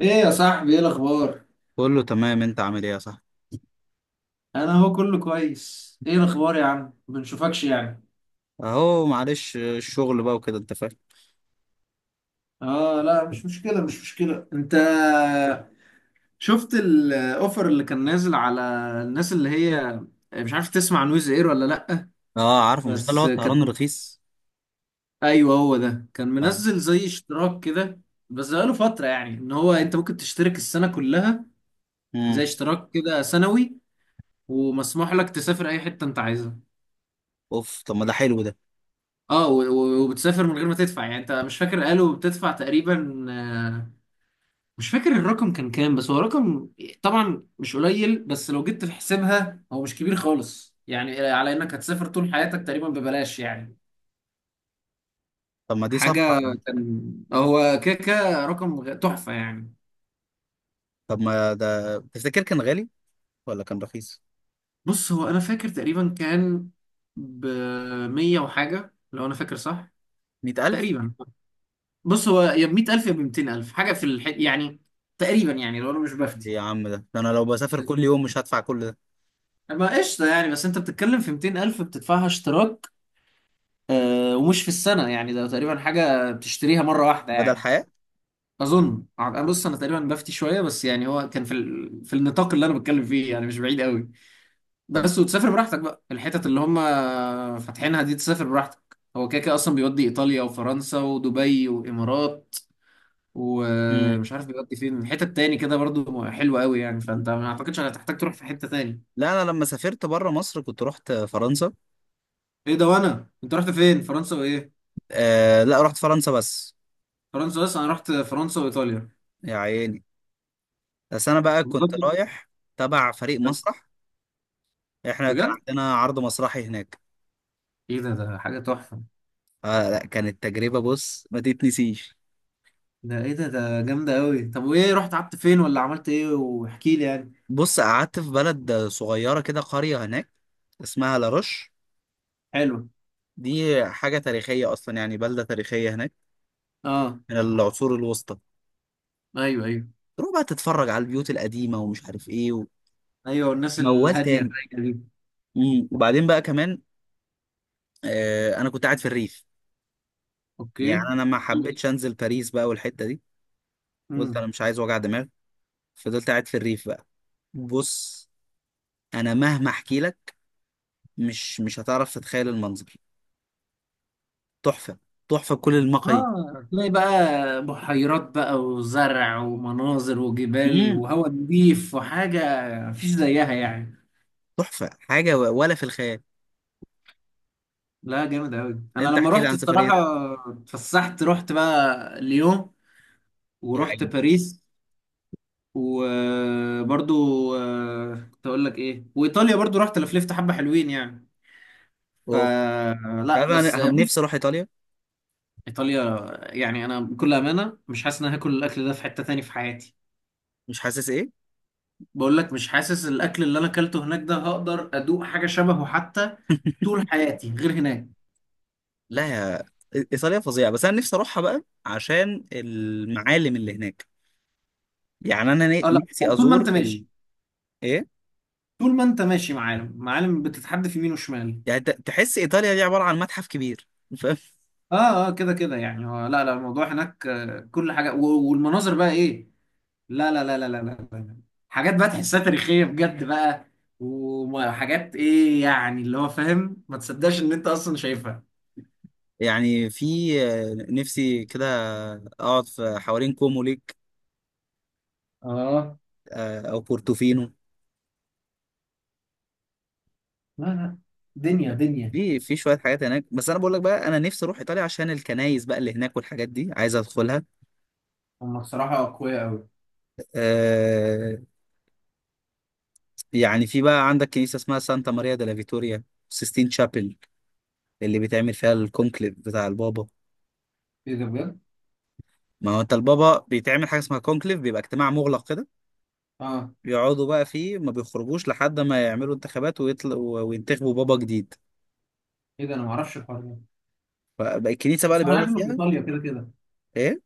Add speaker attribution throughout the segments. Speaker 1: ايه يا صاحبي؟ ايه الاخبار؟
Speaker 2: كله تمام. انت عامل ايه يا صاحبي؟
Speaker 1: انا هو كله كويس. ايه الاخبار يا عم؟ ما بنشوفكش يعني.
Speaker 2: اهو معلش، الشغل بقى وكده انت فاهم.
Speaker 1: اه لا، مش مشكله انت شفت الاوفر اللي كان نازل على الناس اللي هي، مش عارف تسمع نويز اير ولا لا.
Speaker 2: اه، عارفه، مش ده اللي هو
Speaker 1: بس
Speaker 2: الطيران
Speaker 1: كانت،
Speaker 2: الرخيص؟
Speaker 1: ايوه هو ده كان
Speaker 2: اه.
Speaker 1: منزل زي اشتراك كده، بس بقاله فتره يعني ان هو انت ممكن تشترك السنه كلها، زي
Speaker 2: امم.
Speaker 1: اشتراك كده سنوي، ومسموح لك تسافر اي حته انت عايزها.
Speaker 2: اوف، طب ما ده حلو ده.
Speaker 1: اه وبتسافر من غير ما تدفع يعني. انت مش فاكر قالوا بتدفع تقريبا مش فاكر الرقم كان كام، بس هو رقم طبعا مش قليل، بس لو جيت في حسابها هو مش كبير خالص، يعني على انك هتسافر طول حياتك تقريبا ببلاش يعني.
Speaker 2: طب ما دي صفقة.
Speaker 1: حاجة كان، هو كده كده رقم تحفة يعني.
Speaker 2: طب ما ده تفتكر كان غالي ولا كان رخيص؟
Speaker 1: بص هو انا فاكر تقريبا كان ب 100 وحاجة، لو انا فاكر صح
Speaker 2: 100000؟
Speaker 1: تقريبا. بص هو يا ب 100000 يا ب 200000 حاجة في يعني، تقريبا يعني، لو انا مش
Speaker 2: إيه
Speaker 1: بفتي.
Speaker 2: يا عم، ده انا لو بسافر كل يوم مش هدفع كل ده.
Speaker 1: ما قشطة يعني، بس انت بتتكلم في 200 ألف بتدفعها اشتراك. آه، ومش في السنة يعني، ده تقريبا حاجة بتشتريها مرة واحدة
Speaker 2: بدل
Speaker 1: يعني.
Speaker 2: حياة.
Speaker 1: أظن أنا، بص أنا تقريبا بفتي شوية، بس يعني هو كان في في النطاق اللي أنا بتكلم فيه يعني، مش بعيد قوي.
Speaker 2: طب.
Speaker 1: بس وتسافر براحتك بقى الحتت اللي هم فاتحينها دي، تسافر براحتك. هو كده كده أصلا بيودي إيطاليا وفرنسا ودبي وإمارات،
Speaker 2: امم.
Speaker 1: ومش عارف بيودي فين حتت تاني كده برضو حلوة قوي يعني. فأنت ما أعتقدش هتحتاج تروح في حتة تاني.
Speaker 2: لا، انا لما سافرت بره مصر كنت رحت فرنسا.
Speaker 1: إيه ده؟ وأنا أنت رحت فين؟ فرنسا وإيه؟
Speaker 2: آه لا، رحت فرنسا بس.
Speaker 1: فرنسا بس؟ انا رحت فرنسا وايطاليا.
Speaker 2: يا عيني. بس انا بقى كنت
Speaker 1: بجد.
Speaker 2: رايح تبع فريق مسرح. احنا كان
Speaker 1: بجد؟
Speaker 2: عندنا عرض مسرحي هناك.
Speaker 1: ايه ده؟ ده حاجه تحفه.
Speaker 2: اه لا، كانت تجربة بص ما تتنسيش.
Speaker 1: ده ايه ده؟ ده جامده قوي. طب وايه، رحت قعدت فين، ولا عملت ايه؟ واحكي لي يعني.
Speaker 2: بص، قعدت في بلد صغيرة كده، قرية هناك اسمها لاروش.
Speaker 1: حلو.
Speaker 2: دي حاجة تاريخية أصلا، يعني بلدة تاريخية هناك
Speaker 1: اه،
Speaker 2: من العصور الوسطى.
Speaker 1: ايوه ايوه.
Speaker 2: تروح بقى تتفرج على البيوت القديمة ومش عارف إيه
Speaker 1: ايوه، والناس
Speaker 2: وموال
Speaker 1: الهاديه
Speaker 2: تاني.
Speaker 1: الرايقه دي.
Speaker 2: مم. وبعدين بقى كمان آه أنا كنت قاعد في الريف. يعني
Speaker 1: اوكي.
Speaker 2: أنا ما حبيتش أنزل باريس بقى والحتة دي. قلت أنا
Speaker 1: امم.
Speaker 2: مش عايز وجع دماغ. فضلت قاعد في الريف بقى. بص، أنا مهما أحكي لك مش هتعرف تتخيل المنظر. تحفة. تحفة بكل المقاييس.
Speaker 1: اه، تلاقي بقى بحيرات بقى وزرع ومناظر وجبال
Speaker 2: امم.
Speaker 1: وهواء نظيف وحاجه مفيش زيها يعني.
Speaker 2: تحفه حاجه ولا في الخيال.
Speaker 1: لا، جامد قوي. انا
Speaker 2: انت
Speaker 1: لما
Speaker 2: احكي لي
Speaker 1: رحت
Speaker 2: عن
Speaker 1: الصراحه
Speaker 2: سفريه.
Speaker 1: اتفسحت، رحت بقى ليون،
Speaker 2: يا
Speaker 1: ورحت
Speaker 2: عيني.
Speaker 1: باريس، وبرضو، كنت اقول لك ايه، وايطاليا برضو رحت لفلفت حبه حلوين يعني.
Speaker 2: اوف. انت
Speaker 1: فلا
Speaker 2: عارف
Speaker 1: بس
Speaker 2: انا
Speaker 1: بص،
Speaker 2: نفسي اروح ايطاليا.
Speaker 1: ايطاليا، يعني انا بكل امانه مش حاسس ان أنا هاكل الاكل ده في حته تاني في حياتي.
Speaker 2: مش حاسس ايه؟
Speaker 1: بقول لك مش حاسس الاكل اللي انا اكلته هناك ده هقدر ادوق حاجه شبهه حتى طول حياتي غير هناك.
Speaker 2: لا يا. ايطاليا فظيعه، بس انا نفسي اروحها بقى عشان المعالم اللي هناك. يعني انا
Speaker 1: اه لا،
Speaker 2: نفسي
Speaker 1: طول ما انت
Speaker 2: ازور ال...
Speaker 1: ماشي،
Speaker 2: ايه؟
Speaker 1: طول ما انت ماشي معالم، معالم بتتحدف يمين وشمال.
Speaker 2: يعني تحس ايطاليا دي عباره عن متحف كبير، فاهم.
Speaker 1: اه اه، كده كده يعني، هو- لا لا الموضوع هناك، كل حاجه والمناظر بقى ايه، لا لا لا لا لا لا لا. حاجات بقى تحسها تاريخية بجد بقى، وحاجات ايه يعني، اللي هو فاهم، ما تصدقش ان انت اصلا شايفها.
Speaker 2: يعني في. آه، نفسي كده اقعد في حوالين كومو ليك.
Speaker 1: اه
Speaker 2: آه، او بورتوفينو.
Speaker 1: لا لا، دنيا دنيا.
Speaker 2: في شويه حاجات هناك، بس انا بقول لك بقى انا نفسي اروح ايطاليا عشان الكنايس بقى اللي هناك والحاجات دي عايز ادخلها.
Speaker 1: هم بصراحة أقوياء أوي.
Speaker 2: آه. يعني في بقى عندك كنيسة اسمها سانتا ماريا دella فيتوريا، سيستين شابل اللي بيتعمل فيها الكونكليف بتاع البابا.
Speaker 1: إيه ده؟ بجد؟
Speaker 2: ما هو انت البابا بيتعمل حاجة اسمها كونكليف، بيبقى اجتماع مغلق كده.
Speaker 1: آه.
Speaker 2: بيقعدوا بقى فيه ما بيخرجوش لحد ما يعملوا انتخابات وينتخبوا بابا جديد.
Speaker 1: إيه ده؟ أنا معرفش الحوار ده.
Speaker 2: فبقى الكنيسة بقى اللي
Speaker 1: بس أنا
Speaker 2: بيقعدوا
Speaker 1: عارف إنه في
Speaker 2: فيها.
Speaker 1: إيطاليا كده كده.
Speaker 2: ايه.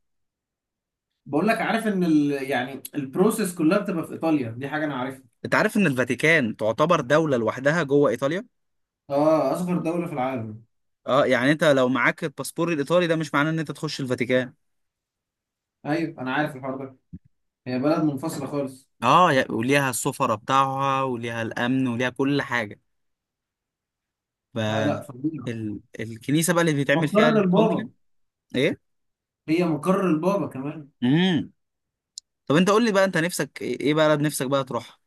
Speaker 1: بقول لك عارف إن يعني البروسيس كلها بتبقى في إيطاليا، دي حاجة أنا عارفها.
Speaker 2: انت عارف ان الفاتيكان تعتبر دولة لوحدها جوه ايطاليا.
Speaker 1: آه، أصغر دولة في العالم.
Speaker 2: اه، يعني انت لو معاك الباسبور الايطالي ده مش معناه ان انت تخش الفاتيكان.
Speaker 1: أيوه، أنا عارف الحوار ده. هي بلد منفصلة خالص.
Speaker 2: اه، وليها السفرة بتاعها وليها الامن وليها كل حاجة.
Speaker 1: لا لا، فظيعة.
Speaker 2: فالكنيسة بقى اللي بيتعمل
Speaker 1: مقر
Speaker 2: فيها الكونكليف.
Speaker 1: البابا.
Speaker 2: ايه.
Speaker 1: هي مقر البابا كمان.
Speaker 2: امم. طب انت قول لي بقى، انت نفسك ايه، إيه بلد نفسك بقى تروح؟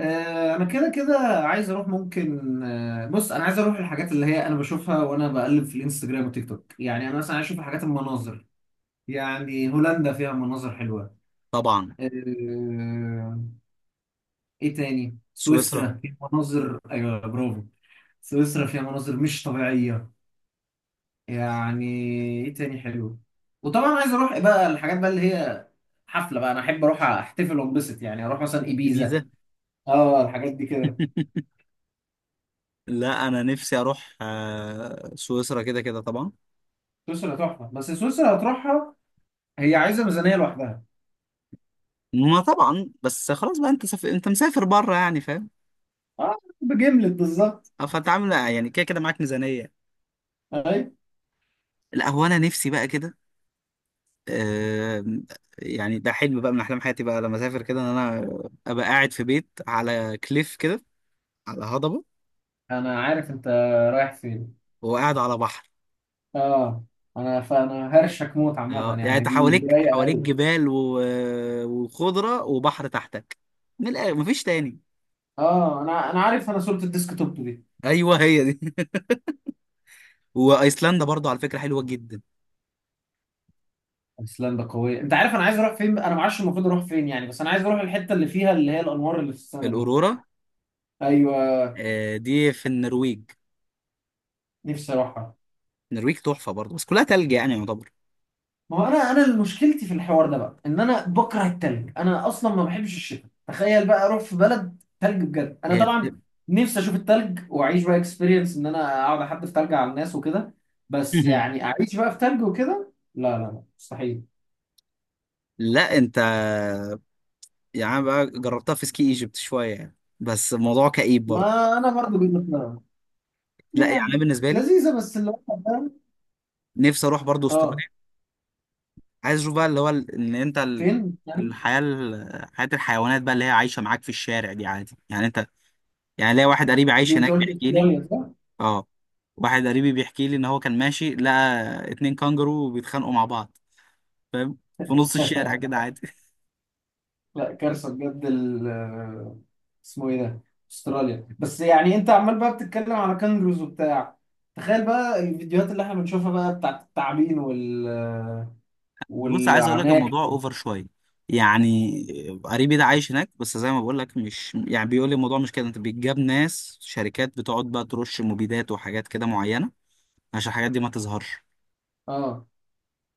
Speaker 1: انا كده كده عايز اروح، ممكن، بص انا عايز اروح الحاجات اللي هي انا بشوفها وانا بقلب في الانستجرام والتيك توك، يعني انا مثلا عايز اشوف الحاجات، المناظر. يعني هولندا فيها مناظر حلوه.
Speaker 2: طبعا.
Speaker 1: آه، ايه تاني؟
Speaker 2: سويسرا.
Speaker 1: سويسرا فيها مناظر، ايوه، برافو. سويسرا فيها مناظر مش طبيعيه يعني. ايه تاني حلو؟ وطبعا عايز اروح بقى الحاجات بقى اللي هي حفله بقى، انا احب اروح احتفل وانبسط يعني، اروح مثلا ايبيزا.
Speaker 2: الجيزة.
Speaker 1: اه، الحاجات دي كده.
Speaker 2: لا انا نفسي اروح آه، سويسرا كده كده طبعا.
Speaker 1: سويسرا تحفه، بس سويسرا هتروحها، هي عايزه ميزانيه لوحدها.
Speaker 2: ما طبعا، بس خلاص بقى، انت انت مسافر بره يعني فاهم.
Speaker 1: اه، بجملت بالظبط.
Speaker 2: أو فانت عامل يعني كده كده معاك ميزانية.
Speaker 1: اي.
Speaker 2: لا هو انا نفسي بقى كده آه، يعني ده حلم بقى من احلام حياتي بقى لما اسافر كده، ان انا ابقى قاعد في بيت على كليف كده، على هضبة
Speaker 1: انا عارف انت رايح فين.
Speaker 2: وقاعد على بحر.
Speaker 1: اه، انا فانا هرشك موت
Speaker 2: اه،
Speaker 1: عامه
Speaker 2: يعني
Speaker 1: يعني،
Speaker 2: انت
Speaker 1: دي
Speaker 2: حواليك
Speaker 1: رايقه
Speaker 2: حواليك
Speaker 1: أوي.
Speaker 2: جبال و... وخضره وبحر تحتك. من الآخر مفيش تاني.
Speaker 1: اه، انا انا عارف، انا صوره الديسك توب دي.
Speaker 2: ايوه هي دي. وايسلندا برضو على فكره حلوه جدا.
Speaker 1: ايسلندا قويه. انت عارف انا عايز اروح فين؟ انا ما اعرفش المفروض اروح فين يعني، بس انا عايز اروح الحته اللي فيها اللي هي الانوار اللي في السماء دي.
Speaker 2: الاورورا.
Speaker 1: ايوه،
Speaker 2: آه، دي في النرويج.
Speaker 1: نفسي اروحها.
Speaker 2: النرويج تحفه برضو بس كلها تلج يعني يعتبر.
Speaker 1: ما هو انا، اللي مشكلتي في الحوار ده بقى ان انا بكره التلج، انا اصلا ما بحبش الشتاء، تخيل بقى اروح في بلد تلج؟ بجد انا
Speaker 2: هي.
Speaker 1: طبعا نفسي اشوف التلج واعيش بقى اكسبيرينس ان انا اقعد احدف تلج على الناس وكده، بس يعني اعيش بقى في تلج وكده، لا لا لا، مستحيل.
Speaker 2: لا انت، يعني بقى جربتها في سكي ايجيبت شويه يعني بس الموضوع كئيب برضو.
Speaker 1: ما انا برضه جيت لك
Speaker 2: لا، يعني انا
Speaker 1: يعني.
Speaker 2: بالنسبه لي
Speaker 1: لذيذه بس اللي هو، فاهم؟
Speaker 2: نفسي اروح برضو
Speaker 1: اه.
Speaker 2: استراليا. عايز اشوف بقى اللي هو ان انت
Speaker 1: فين يعني؟
Speaker 2: حياه الحيوانات بقى اللي هي عايشه معاك في الشارع دي عادي يعني انت. يعني ليا واحد قريبي عايش
Speaker 1: دي انت
Speaker 2: هناك
Speaker 1: قلت
Speaker 2: بيحكي لي.
Speaker 1: استراليا.
Speaker 2: اه. واحد قريبي بيحكي لي ان هو كان ماشي لقى اتنين كانجرو بيتخانقوا مع بعض، فاهم، في نص الشارع
Speaker 1: صح.
Speaker 2: كده عادي.
Speaker 1: لا كارثه بجد، ال، اسمه ايه ده، استراليا، بس يعني انت عمال بقى بتتكلم على كانجروز وبتاع. تخيل بقى الفيديوهات اللي احنا بنشوفها بقى بتاعت التعابين
Speaker 2: بص، عايز اقول لك
Speaker 1: والعناكب.
Speaker 2: الموضوع اوفر شويه يعني. قريبي ده عايش هناك بس زي ما بقول لك مش يعني بيقول لي الموضوع مش كده. انت بيتجاب ناس شركات بتقعد بقى ترش مبيدات وحاجات كده معينه عشان الحاجات دي ما تظهرش.
Speaker 1: اه،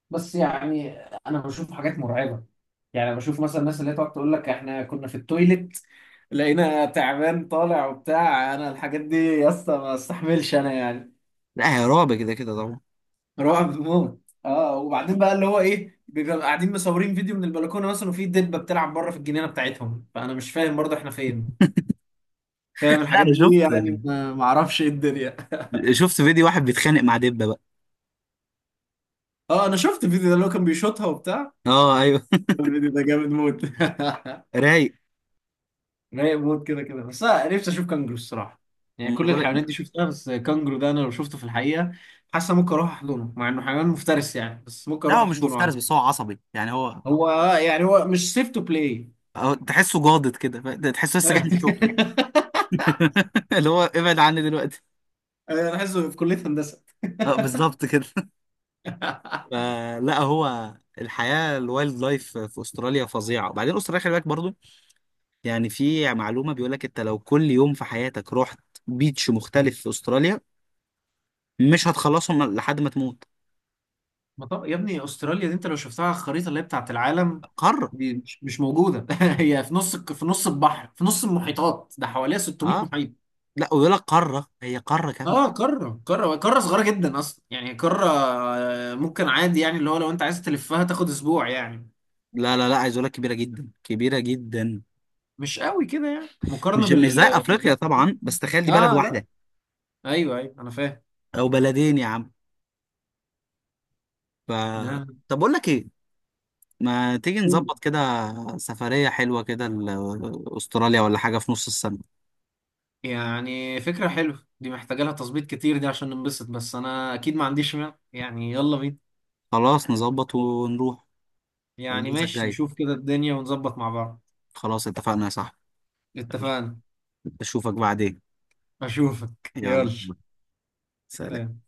Speaker 1: بس يعني انا بشوف حاجات مرعبه. يعني بشوف مثلا الناس اللي هي تقعد تقول لك احنا كنا في التويليت، لقينا تعبان طالع وبتاع. انا الحاجات دي يا اسطى ما استحملش انا يعني.
Speaker 2: لا هي رعب كده كده طبعا.
Speaker 1: رعب موت. اه وبعدين بقى اللي هو ايه، بيبقى قاعدين مصورين فيديو من البلكونه مثلا، وفي دبه بتلعب بره في الجنينه بتاعتهم، فانا مش فاهم برضه احنا فين، فاهم
Speaker 2: لا
Speaker 1: الحاجات
Speaker 2: انا
Speaker 1: دي
Speaker 2: شفت
Speaker 1: يعني، ما اعرفش ايه الدنيا.
Speaker 2: شفت فيديو واحد بيتخانق مع دبه بقى.
Speaker 1: اه، انا شفت الفيديو ده اللي هو كان بيشوطها وبتاع.
Speaker 2: اه ايوه.
Speaker 1: الفيديو ده جامد موت.
Speaker 2: رايق.
Speaker 1: رايق موت كده كده. بس انا نفسي اشوف كانجرو الصراحه.
Speaker 2: أما
Speaker 1: يعني
Speaker 2: انا
Speaker 1: كل
Speaker 2: بقول لك،
Speaker 1: الحيوانات دي شفتها، بس كانجرو ده انا لو شفته في الحقيقه، حاسه ممكن اروح احضنه، مع انه حيوان مفترس يعني، بس ممكن
Speaker 2: لا
Speaker 1: اروح
Speaker 2: هو مش
Speaker 1: احضنه
Speaker 2: مفترس
Speaker 1: عادي.
Speaker 2: بس هو عصبي. يعني هو
Speaker 1: هو، يعني هو مش سيف تو بلاي.
Speaker 2: هو تحسه جاضد كده، تحسه لسه جاي من الشغل. اللي هو ابعد عني دلوقتي.
Speaker 1: انا عايزه في كليه هندسه.
Speaker 2: اه بالظبط كده. فلا هو، الحياه الوايلد لايف في استراليا فظيعه. وبعدين استراليا خلي بالك برضو، يعني في معلومه بيقول لك انت لو كل يوم في حياتك رحت بيتش مختلف في استراليا مش هتخلصهم لحد ما تموت.
Speaker 1: ما طب... يا ابني استراليا دي انت لو شفتها على الخريطه اللي هي بتاعت العالم،
Speaker 2: قاره.
Speaker 1: دي مش موجوده. هي في نص في نص البحر، في نص المحيطات، ده حواليها 600
Speaker 2: اه،
Speaker 1: محيط.
Speaker 2: لا ويقول لك قاره، هي قاره كامله.
Speaker 1: اه، قاره، قاره قاره صغيره جدا اصلا يعني قاره. ممكن عادي يعني اللي هو لو انت عايز تلفها تاخد اسبوع يعني،
Speaker 2: لا لا لا، عايز اقول لك كبيره جدا كبيره جدا.
Speaker 1: مش قوي كده يعني مقارنه
Speaker 2: مش زي
Speaker 1: باللي
Speaker 2: افريقيا
Speaker 1: احنا فيه.
Speaker 2: طبعا، بس تخيل دي بلد
Speaker 1: اه لا.
Speaker 2: واحده
Speaker 1: ايوه ايوه، انا فاهم.
Speaker 2: او بلدين يا عم. ف...
Speaker 1: لا.
Speaker 2: طب اقول لك ايه، ما تيجي نظبط
Speaker 1: لا.
Speaker 2: كده سفرية حلوة كده استراليا ولا حاجة في نص السنة.
Speaker 1: يعني فكره حلوه، دي محتاجه لها تظبيط كتير دي عشان ننبسط، بس انا اكيد ما عنديش مانع يعني، يلا بينا.
Speaker 2: خلاص نظبط ونروح.
Speaker 1: يعني
Speaker 2: الاجازة
Speaker 1: ماشي،
Speaker 2: الجاية.
Speaker 1: نشوف كده الدنيا ونظبط مع بعض.
Speaker 2: خلاص اتفقنا يا صاحبي. يلا،
Speaker 1: اتفقنا.
Speaker 2: اشوفك بعدين.
Speaker 1: اشوفك،
Speaker 2: يلا.
Speaker 1: يلا.
Speaker 2: سلام.
Speaker 1: سلام.